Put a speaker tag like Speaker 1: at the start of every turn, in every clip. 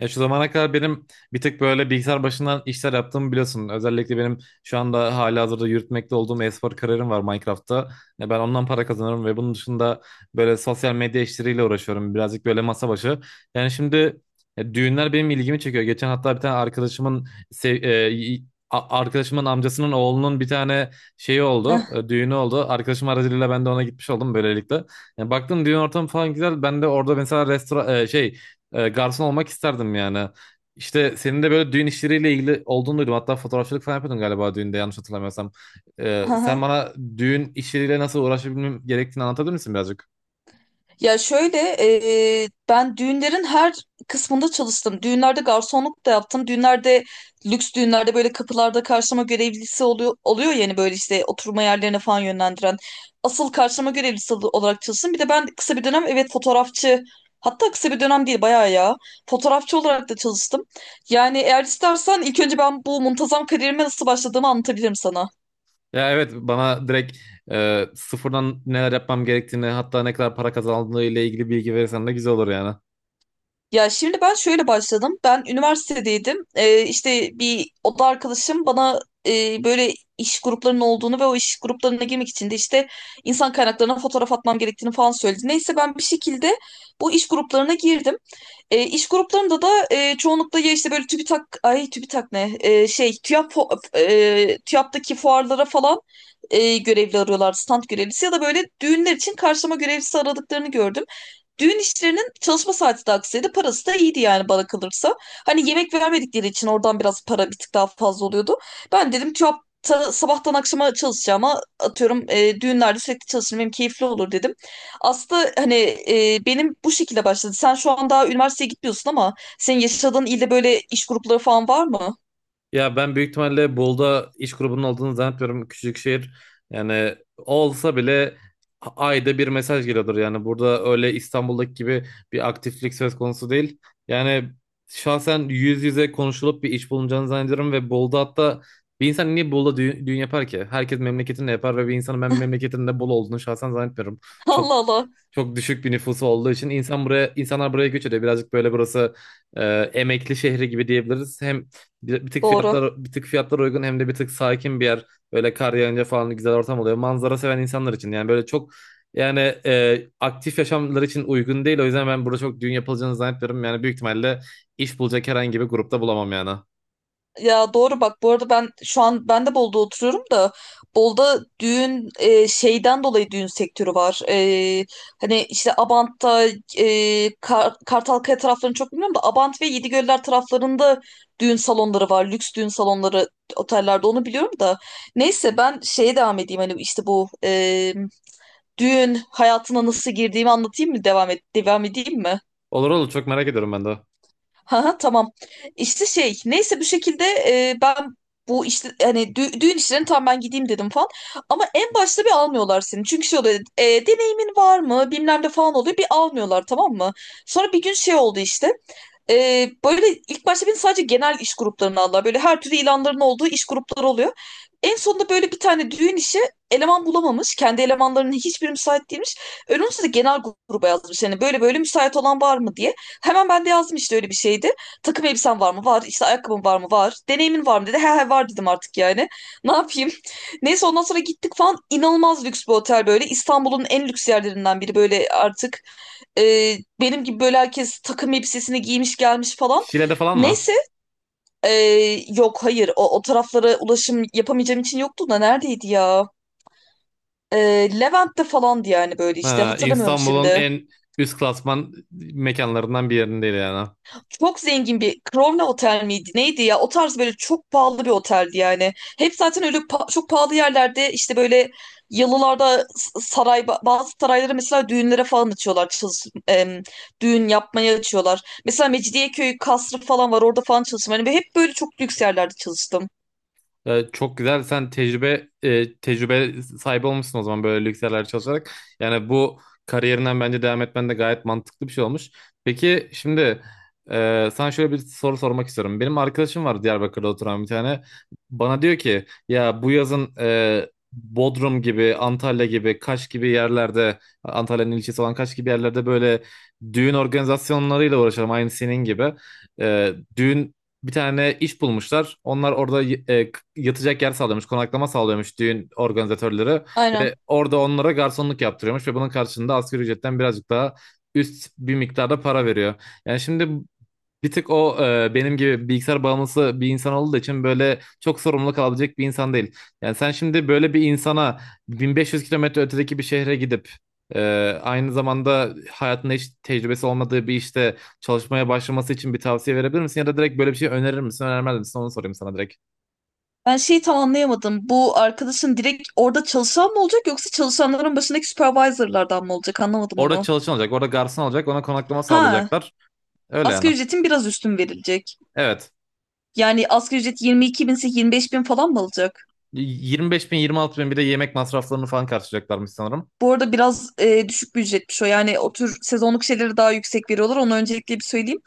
Speaker 1: Ya şu zamana kadar benim bir tık böyle bilgisayar başından işler yaptığımı biliyorsun. Özellikle benim şu anda halihazırda yürütmekte olduğum e-spor kariyerim var Minecraft'ta. Ya ben ondan para kazanıyorum ve bunun dışında böyle sosyal medya işleriyle uğraşıyorum. Birazcık böyle masa başı. Yani şimdi Düğünler benim ilgimi çekiyor. Geçen hatta bir tane arkadaşımın sev- e, y- a- arkadaşımın amcasının oğlunun bir tane
Speaker 2: Eh,
Speaker 1: düğünü oldu. Arkadaşım aracılığıyla ben de ona gitmiş oldum böylelikle. Yani baktım düğün ortamı falan güzel. Ben de orada mesela restoran e, şey e, garson olmak isterdim yani. İşte senin de böyle düğün işleriyle ilgili olduğunu duydum. Hatta fotoğrafçılık falan yapıyordun galiba düğünde yanlış hatırlamıyorsam. Sen
Speaker 2: aha.
Speaker 1: bana düğün işleriyle nasıl uğraşabilmem gerektiğini anlatabilir misin birazcık?
Speaker 2: Ya şöyle, ben düğünlerin her kısmında çalıştım. Düğünlerde garsonluk da yaptım. Düğünlerde, lüks düğünlerde böyle kapılarda karşılama görevlisi oluyor, yani böyle işte oturma yerlerine falan yönlendiren. Asıl karşılama görevlisi olarak çalıştım. Bir de ben kısa bir dönem, evet, fotoğrafçı, hatta kısa bir dönem değil bayağı ya, fotoğrafçı olarak da çalıştım. Yani eğer istersen ilk önce ben bu muntazam kariyerime nasıl başladığımı anlatabilirim sana.
Speaker 1: Ya evet bana direkt sıfırdan neler yapmam gerektiğini hatta ne kadar para kazandığıyla ilgili bilgi verirsen de güzel olur yani.
Speaker 2: Ya şimdi ben şöyle başladım. Ben üniversitedeydim. İşte bir oda arkadaşım bana böyle iş gruplarının olduğunu ve o iş gruplarına girmek için de işte insan kaynaklarına fotoğraf atmam gerektiğini falan söyledi. Neyse ben bir şekilde bu iş gruplarına girdim. İş gruplarında da çoğunlukla ya işte böyle TÜBİTAK, ay, TÜBİTAK ne? Şey, TÜYAP, TÜYAP'taki fuarlara falan görevli arıyorlardı, stand görevlisi ya da böyle düğünler için karşılama görevlisi aradıklarını gördüm. Düğün işlerinin çalışma saati de aksaydı, parası da iyiydi yani, bana kalırsa. Hani yemek vermedikleri için oradan biraz para, bir tık daha fazla oluyordu. Ben dedim ki, "Hop, sabahtan akşama çalışacağıma atıyorum düğünlerde sürekli çalışırım benim keyifli olur," dedim. Aslında hani, benim bu şekilde başladı. Sen şu an daha üniversiteye gitmiyorsun, ama senin yaşadığın ilde böyle iş grupları falan var mı?
Speaker 1: Ya ben büyük ihtimalle Bolu'da iş grubunun olduğunu zannetmiyorum. Küçücük şehir. Yani olsa bile ayda bir mesaj geliyordur. Yani burada öyle İstanbul'daki gibi bir aktiflik söz konusu değil. Yani şahsen yüz yüze konuşulup bir iş bulunacağını zannediyorum ve Bolu'da hatta bir insan niye Bolu'da düğün yapar ki? Herkes memleketinde yapar ve bir insanın ben memleketinde Bolu olduğunu şahsen zannetmiyorum. Çok
Speaker 2: Allah Allah.
Speaker 1: çok düşük bir nüfusu olduğu için insanlar buraya göç ediyor. Birazcık böyle burası e, emekli şehri gibi diyebiliriz. Hem bir tık
Speaker 2: Doğru.
Speaker 1: fiyatlar uygun hem de bir tık sakin bir yer. Böyle kar yağınca falan güzel ortam oluyor. Manzara seven insanlar için yani böyle çok yani aktif yaşamları için uygun değil. O yüzden ben burada çok düğün yapılacağını zannetmiyorum. Yani büyük ihtimalle iş bulacak herhangi bir grupta bulamam yani.
Speaker 2: Ya doğru, bak, bu arada ben şu an, ben de Bolu'da oturuyorum da, Bolu'da düğün, şeyden dolayı düğün sektörü var. Hani işte Abant'ta, Kartalkaya taraflarını çok bilmiyorum da, Abant ve Yedigöller taraflarında düğün salonları var. Lüks düğün salonları, otellerde, onu biliyorum da. Neyse ben şeye devam edeyim. Hani işte bu, düğün hayatına nasıl girdiğimi anlatayım mı, devam et devam edeyim mi?
Speaker 1: Olur olur, çok merak ediyorum ben de.
Speaker 2: Ha ha, tamam. İşte şey, neyse, bir şekilde, ben bu işte hani düğün işlerini, tam ben gideyim dedim falan. Ama en başta bir almıyorlar seni. Çünkü şey oluyor, deneyimin var mı, bilmem ne falan oluyor. Bir almıyorlar, tamam mı? Sonra bir gün şey oldu işte. Böyle ilk başta beni sadece genel iş gruplarına aldılar. Böyle her türlü ilanların olduğu iş grupları oluyor. En sonunda böyle bir tane düğün işi, eleman bulamamış. Kendi elemanlarının hiçbiri müsait değilmiş. Önümüzde de genel gruba yazmış. Hani böyle müsait olan var mı diye. Hemen ben de yazdım işte, öyle bir şeydi. Takım elbisen var mı? Var. İşte ayakkabın var mı? Var. Deneyimin var mı, dedi. He he, var dedim artık yani. Ne yapayım? Neyse, ondan sonra gittik falan. İnanılmaz lüks bir otel böyle. İstanbul'un en lüks yerlerinden biri böyle artık. Benim gibi böyle herkes takım elbisesini giymiş gelmiş falan.
Speaker 1: Şile'de falan mı?
Speaker 2: Neyse. e, Yok, hayır, o taraflara ulaşım yapamayacağım için yoktu da, neredeydi ya? E, Levent'te falandı yani, böyle işte
Speaker 1: Ha,
Speaker 2: hatırlamıyorum
Speaker 1: İstanbul'un
Speaker 2: şimdi.
Speaker 1: en üst klasman mekanlarından bir yerinde yani.
Speaker 2: Çok zengin bir Crowne Otel miydi? Neydi ya? O tarz böyle çok pahalı bir oteldi yani. Hep zaten öyle çok pahalı yerlerde işte böyle, yalılarda, saray, bazı sarayları mesela düğünlere falan açıyorlar. Düğün yapmaya açıyorlar. Mesela Mecidiyeköy kasrı falan var, orada falan çalıştım. Hani hep böyle çok lüks yerlerde çalıştım.
Speaker 1: Çok güzel. Sen tecrübe sahibi olmuşsun o zaman böyle lüks yerlerde çalışarak. Yani bu kariyerinden bence devam etmen de gayet mantıklı bir şey olmuş. Peki şimdi sana şöyle bir soru sormak istiyorum. Benim arkadaşım var Diyarbakır'da oturan bir tane. Bana diyor ki ya bu yazın Bodrum gibi, Antalya gibi, Kaş gibi yerlerde, Antalya'nın ilçesi olan Kaş gibi yerlerde böyle düğün organizasyonlarıyla uğraşalım aynı senin gibi. E, düğün Bir tane iş bulmuşlar. Onlar orada yatacak yer sağlıyormuş, konaklama sağlıyormuş düğün organizatörleri.
Speaker 2: Aynen.
Speaker 1: Ve orada onlara garsonluk yaptırıyormuş ve bunun karşılığında asgari ücretten birazcık daha üst bir miktarda para veriyor. Yani şimdi bir tık o e, benim gibi bilgisayar bağımlısı bir insan olduğu için böyle çok sorumluluk alabilecek bir insan değil. Yani sen şimdi böyle bir insana 1500 kilometre ötedeki bir şehre gidip e, aynı zamanda hayatında hiç tecrübesi olmadığı bir işte çalışmaya başlaması için bir tavsiye verebilir misin? Ya da direkt böyle bir şey önerir misin, önermez misin? Onu sorayım sana direkt.
Speaker 2: Ben şeyi tam anlayamadım. Bu arkadaşın direkt orada çalışan mı olacak, yoksa çalışanların başındaki supervisorlardan mı olacak? Anlamadım
Speaker 1: Orada
Speaker 2: onu.
Speaker 1: çalışan olacak, orada garson olacak, ona konaklama
Speaker 2: Ha,
Speaker 1: sağlayacaklar. Öyle yani.
Speaker 2: asgari ücretin biraz üstün verilecek.
Speaker 1: Evet.
Speaker 2: Yani asgari ücret 22 binse, 25 bin falan mı alacak?
Speaker 1: 25 bin, 26 bin, bir de yemek masraflarını falan karşılayacaklarmış sanırım.
Speaker 2: Bu arada biraz düşük bir ücretmiş o. Yani o tür sezonluk şeylere daha yüksek veriyorlar. Onu öncelikle bir söyleyeyim.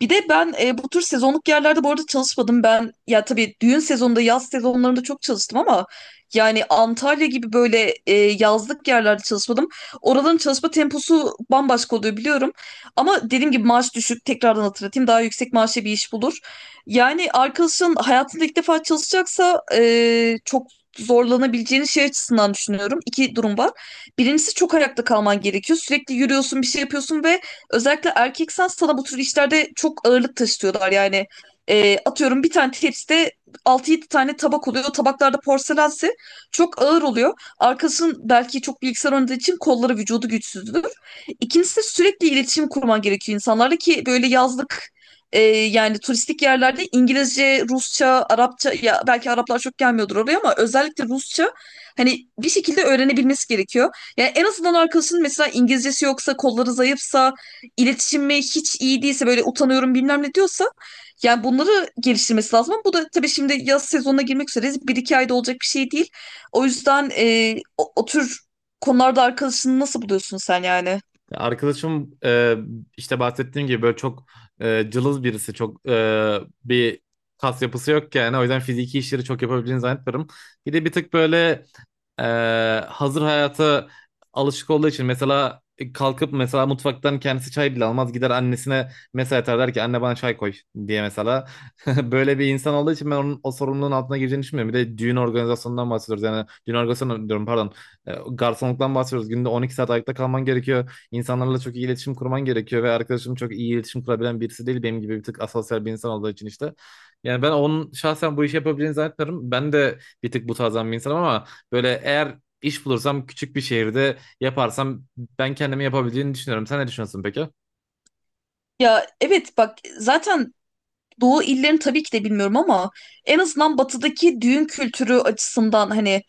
Speaker 2: Bir de ben, bu tür sezonluk yerlerde bu arada çalışmadım. Ben ya tabii düğün sezonunda, yaz sezonlarında çok çalıştım ama, yani Antalya gibi böyle yazlık yerlerde çalışmadım. Oraların çalışma temposu bambaşka oluyor, biliyorum. Ama dediğim gibi, maaş düşük. Tekrardan hatırlatayım. Daha yüksek maaşlı bir iş bulur. Yani arkadaşın hayatında ilk defa çalışacaksa, çok zorlanabileceğini şey açısından düşünüyorum. İki durum var. Birincisi, çok ayakta kalman gerekiyor. Sürekli yürüyorsun, bir şey yapıyorsun ve özellikle erkek sans sana, bu tür işlerde çok ağırlık taşıtıyorlar. Yani atıyorum, bir tane tepside altı yedi tane tabak oluyor. O tabaklarda, porselense, çok ağır oluyor. Arkasının belki çok bilgisayar oynadığı için kolları, vücudu güçsüzdür. İkincisi de sürekli iletişim kurman gerekiyor insanlarla, ki böyle yazlık, yani turistik yerlerde İngilizce, Rusça, Arapça, ya belki Araplar çok gelmiyordur oraya, ama özellikle Rusça hani bir şekilde öğrenebilmesi gerekiyor. Yani en azından arkadaşının mesela İngilizcesi yoksa, kolları zayıfsa, iletişimi hiç iyi değilse, böyle utanıyorum bilmem ne diyorsa, yani bunları geliştirmesi lazım. Ama bu da tabii, şimdi yaz sezonuna girmek üzere, bir iki ayda olacak bir şey değil. O yüzden o tür konularda arkadaşını nasıl buluyorsun sen yani?
Speaker 1: Arkadaşım işte bahsettiğim gibi böyle çok cılız birisi. Bir kas yapısı yok yani. O yüzden fiziki işleri çok yapabildiğini zannetmiyorum. Bir de bir tık böyle e, hazır hayata alışık olduğu için mesela kalkıp mesela mutfaktan kendisi çay bile almaz, gider annesine mesaj atar, der ki anne bana çay koy diye mesela. Böyle bir insan olduğu için ben onun o sorumluluğun altına gireceğini düşünmüyorum. Bir de düğün organizasyonundan bahsediyoruz, yani düğün organizasyonu diyorum pardon, garsonluktan bahsediyoruz, günde 12 saat ayakta kalman gerekiyor, insanlarla çok iyi iletişim kurman gerekiyor ve arkadaşım çok iyi iletişim kurabilen birisi değil, benim gibi bir tık asosyal bir insan olduğu için işte. Yani ben onun şahsen bu işi yapabileceğini zannetmiyorum, ben de bir tık bu tarzdan bir insanım ama böyle eğer iş bulursam, küçük bir şehirde yaparsam ben kendimi yapabildiğini düşünüyorum. Sen ne düşünüyorsun peki?
Speaker 2: Ya evet, bak, zaten Doğu illerini tabii ki de bilmiyorum, ama en azından batıdaki düğün kültürü açısından, hani,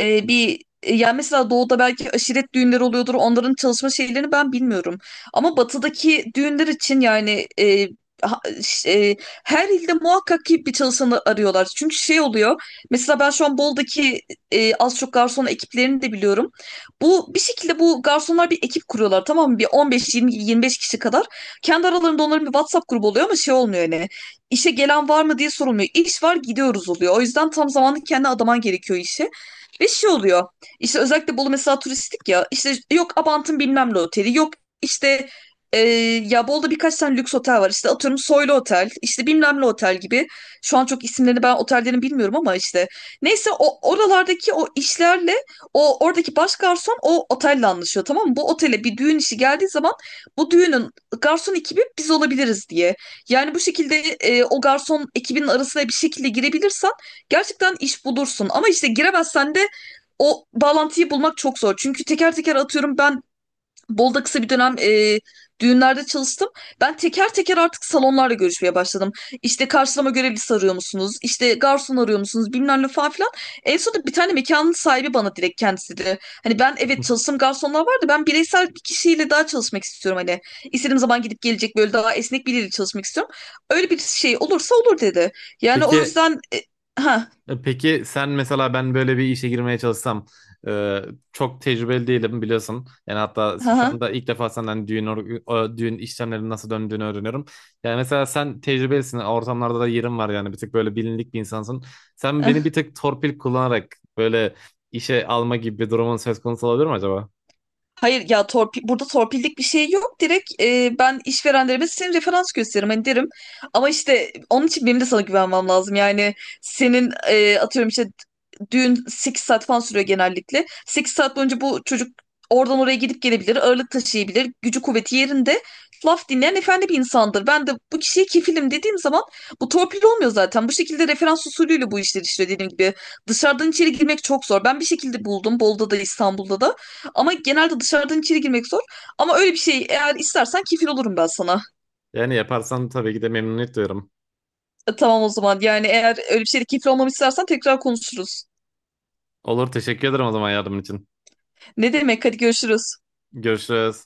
Speaker 2: bir yani mesela doğuda belki aşiret düğünleri oluyordur. Onların çalışma şeylerini ben bilmiyorum. Ama batıdaki düğünler için yani, ha- ş- e, her ilde muhakkak ki bir çalışanı arıyorlar. Çünkü şey oluyor. Mesela ben şu an Bol'daki, az çok garson ekiplerini de biliyorum. Bu, bir şekilde, bu garsonlar bir ekip kuruyorlar, tamam mı? Bir 15-20-25 kişi kadar. Kendi aralarında onların bir WhatsApp grubu oluyor, ama şey olmuyor hani. İşe gelen var mı diye sorulmuyor. İş var, gidiyoruz oluyor. O yüzden tam zamanlı kendi adaman gerekiyor işe. Ve şey oluyor. İşte özellikle Bolu mesela turistik ya. İşte yok Abant'ın bilmem ne oteli. Yok işte, e, ya Bolu'da birkaç tane lüks otel var. İşte atıyorum Soylu Otel, işte bilmem ne otel gibi. Şu an çok isimlerini ben otellerin bilmiyorum ama işte. Neyse, o oralardaki o işlerle, o oradaki baş garson o otelle anlaşıyor, tamam mı? Bu otele bir düğün işi geldiği zaman, bu düğünün garson ekibi biz olabiliriz diye. Yani bu şekilde, o garson ekibinin arasına bir şekilde girebilirsen, gerçekten iş bulursun. Ama işte giremezsen de, o bağlantıyı bulmak çok zor. Çünkü teker teker, atıyorum, ben Bolu'da kısa bir dönem, düğünlerde çalıştım. Ben teker teker artık salonlarla görüşmeye başladım. İşte karşılama görevlisi arıyor musunuz? İşte garson arıyor musunuz? Bilmem ne falan filan. En sonunda bir tane mekanın sahibi bana direkt kendisi dedi. Hani, ben, evet, çalıştığım garsonlar vardı. Ben bireysel bir kişiyle daha çalışmak istiyorum hani. İstediğim zaman gidip gelecek, böyle daha esnek biriyle çalışmak istiyorum. Öyle bir şey olursa olur, dedi. Yani o
Speaker 1: Peki,
Speaker 2: yüzden ha
Speaker 1: peki sen mesela ben böyle bir işe girmeye çalışsam, e, çok tecrübeli değilim biliyorsun. Yani hatta
Speaker 2: ha ha.
Speaker 1: şu anda ilk defa senden düğün işlemlerinin nasıl döndüğünü öğreniyorum. Yani mesela sen tecrübelisin. Ortamlarda da yerin var, yani bir tık böyle bilinlik bir insansın. Sen beni bir tık torpil kullanarak böyle işe alma gibi bir durumun söz konusu olabilir mi acaba?
Speaker 2: Hayır ya, burada torpillik bir şey yok. Direkt, ben işverenlerime senin referans gösteririm hani, derim. Ama işte onun için benim de sana güvenmem lazım. Yani senin, atıyorum, işte düğün 8 saat falan sürüyor genellikle. 8 saat boyunca bu çocuk oradan oraya gidip gelebilir, ağırlık taşıyabilir, gücü kuvveti yerinde. Laf dinleyen efendi bir insandır. Ben de bu kişiye kefilim dediğim zaman, bu torpil olmuyor zaten. Bu şekilde referans usulüyle bu işler işliyor, dediğim gibi. Dışarıdan içeri girmek çok zor. Ben bir şekilde buldum, Bolu'da da, İstanbul'da da. Ama genelde dışarıdan içeri girmek zor. Ama öyle bir şey eğer istersen, kefil olurum ben sana.
Speaker 1: Yani yaparsan tabii ki de memnuniyet duyarım.
Speaker 2: Tamam o zaman. Yani eğer öyle bir şeyde kefil olmamı istersen tekrar konuşuruz.
Speaker 1: Olur, teşekkür ederim o zaman yardımın için.
Speaker 2: Ne demek? Hadi görüşürüz.
Speaker 1: Görüşürüz.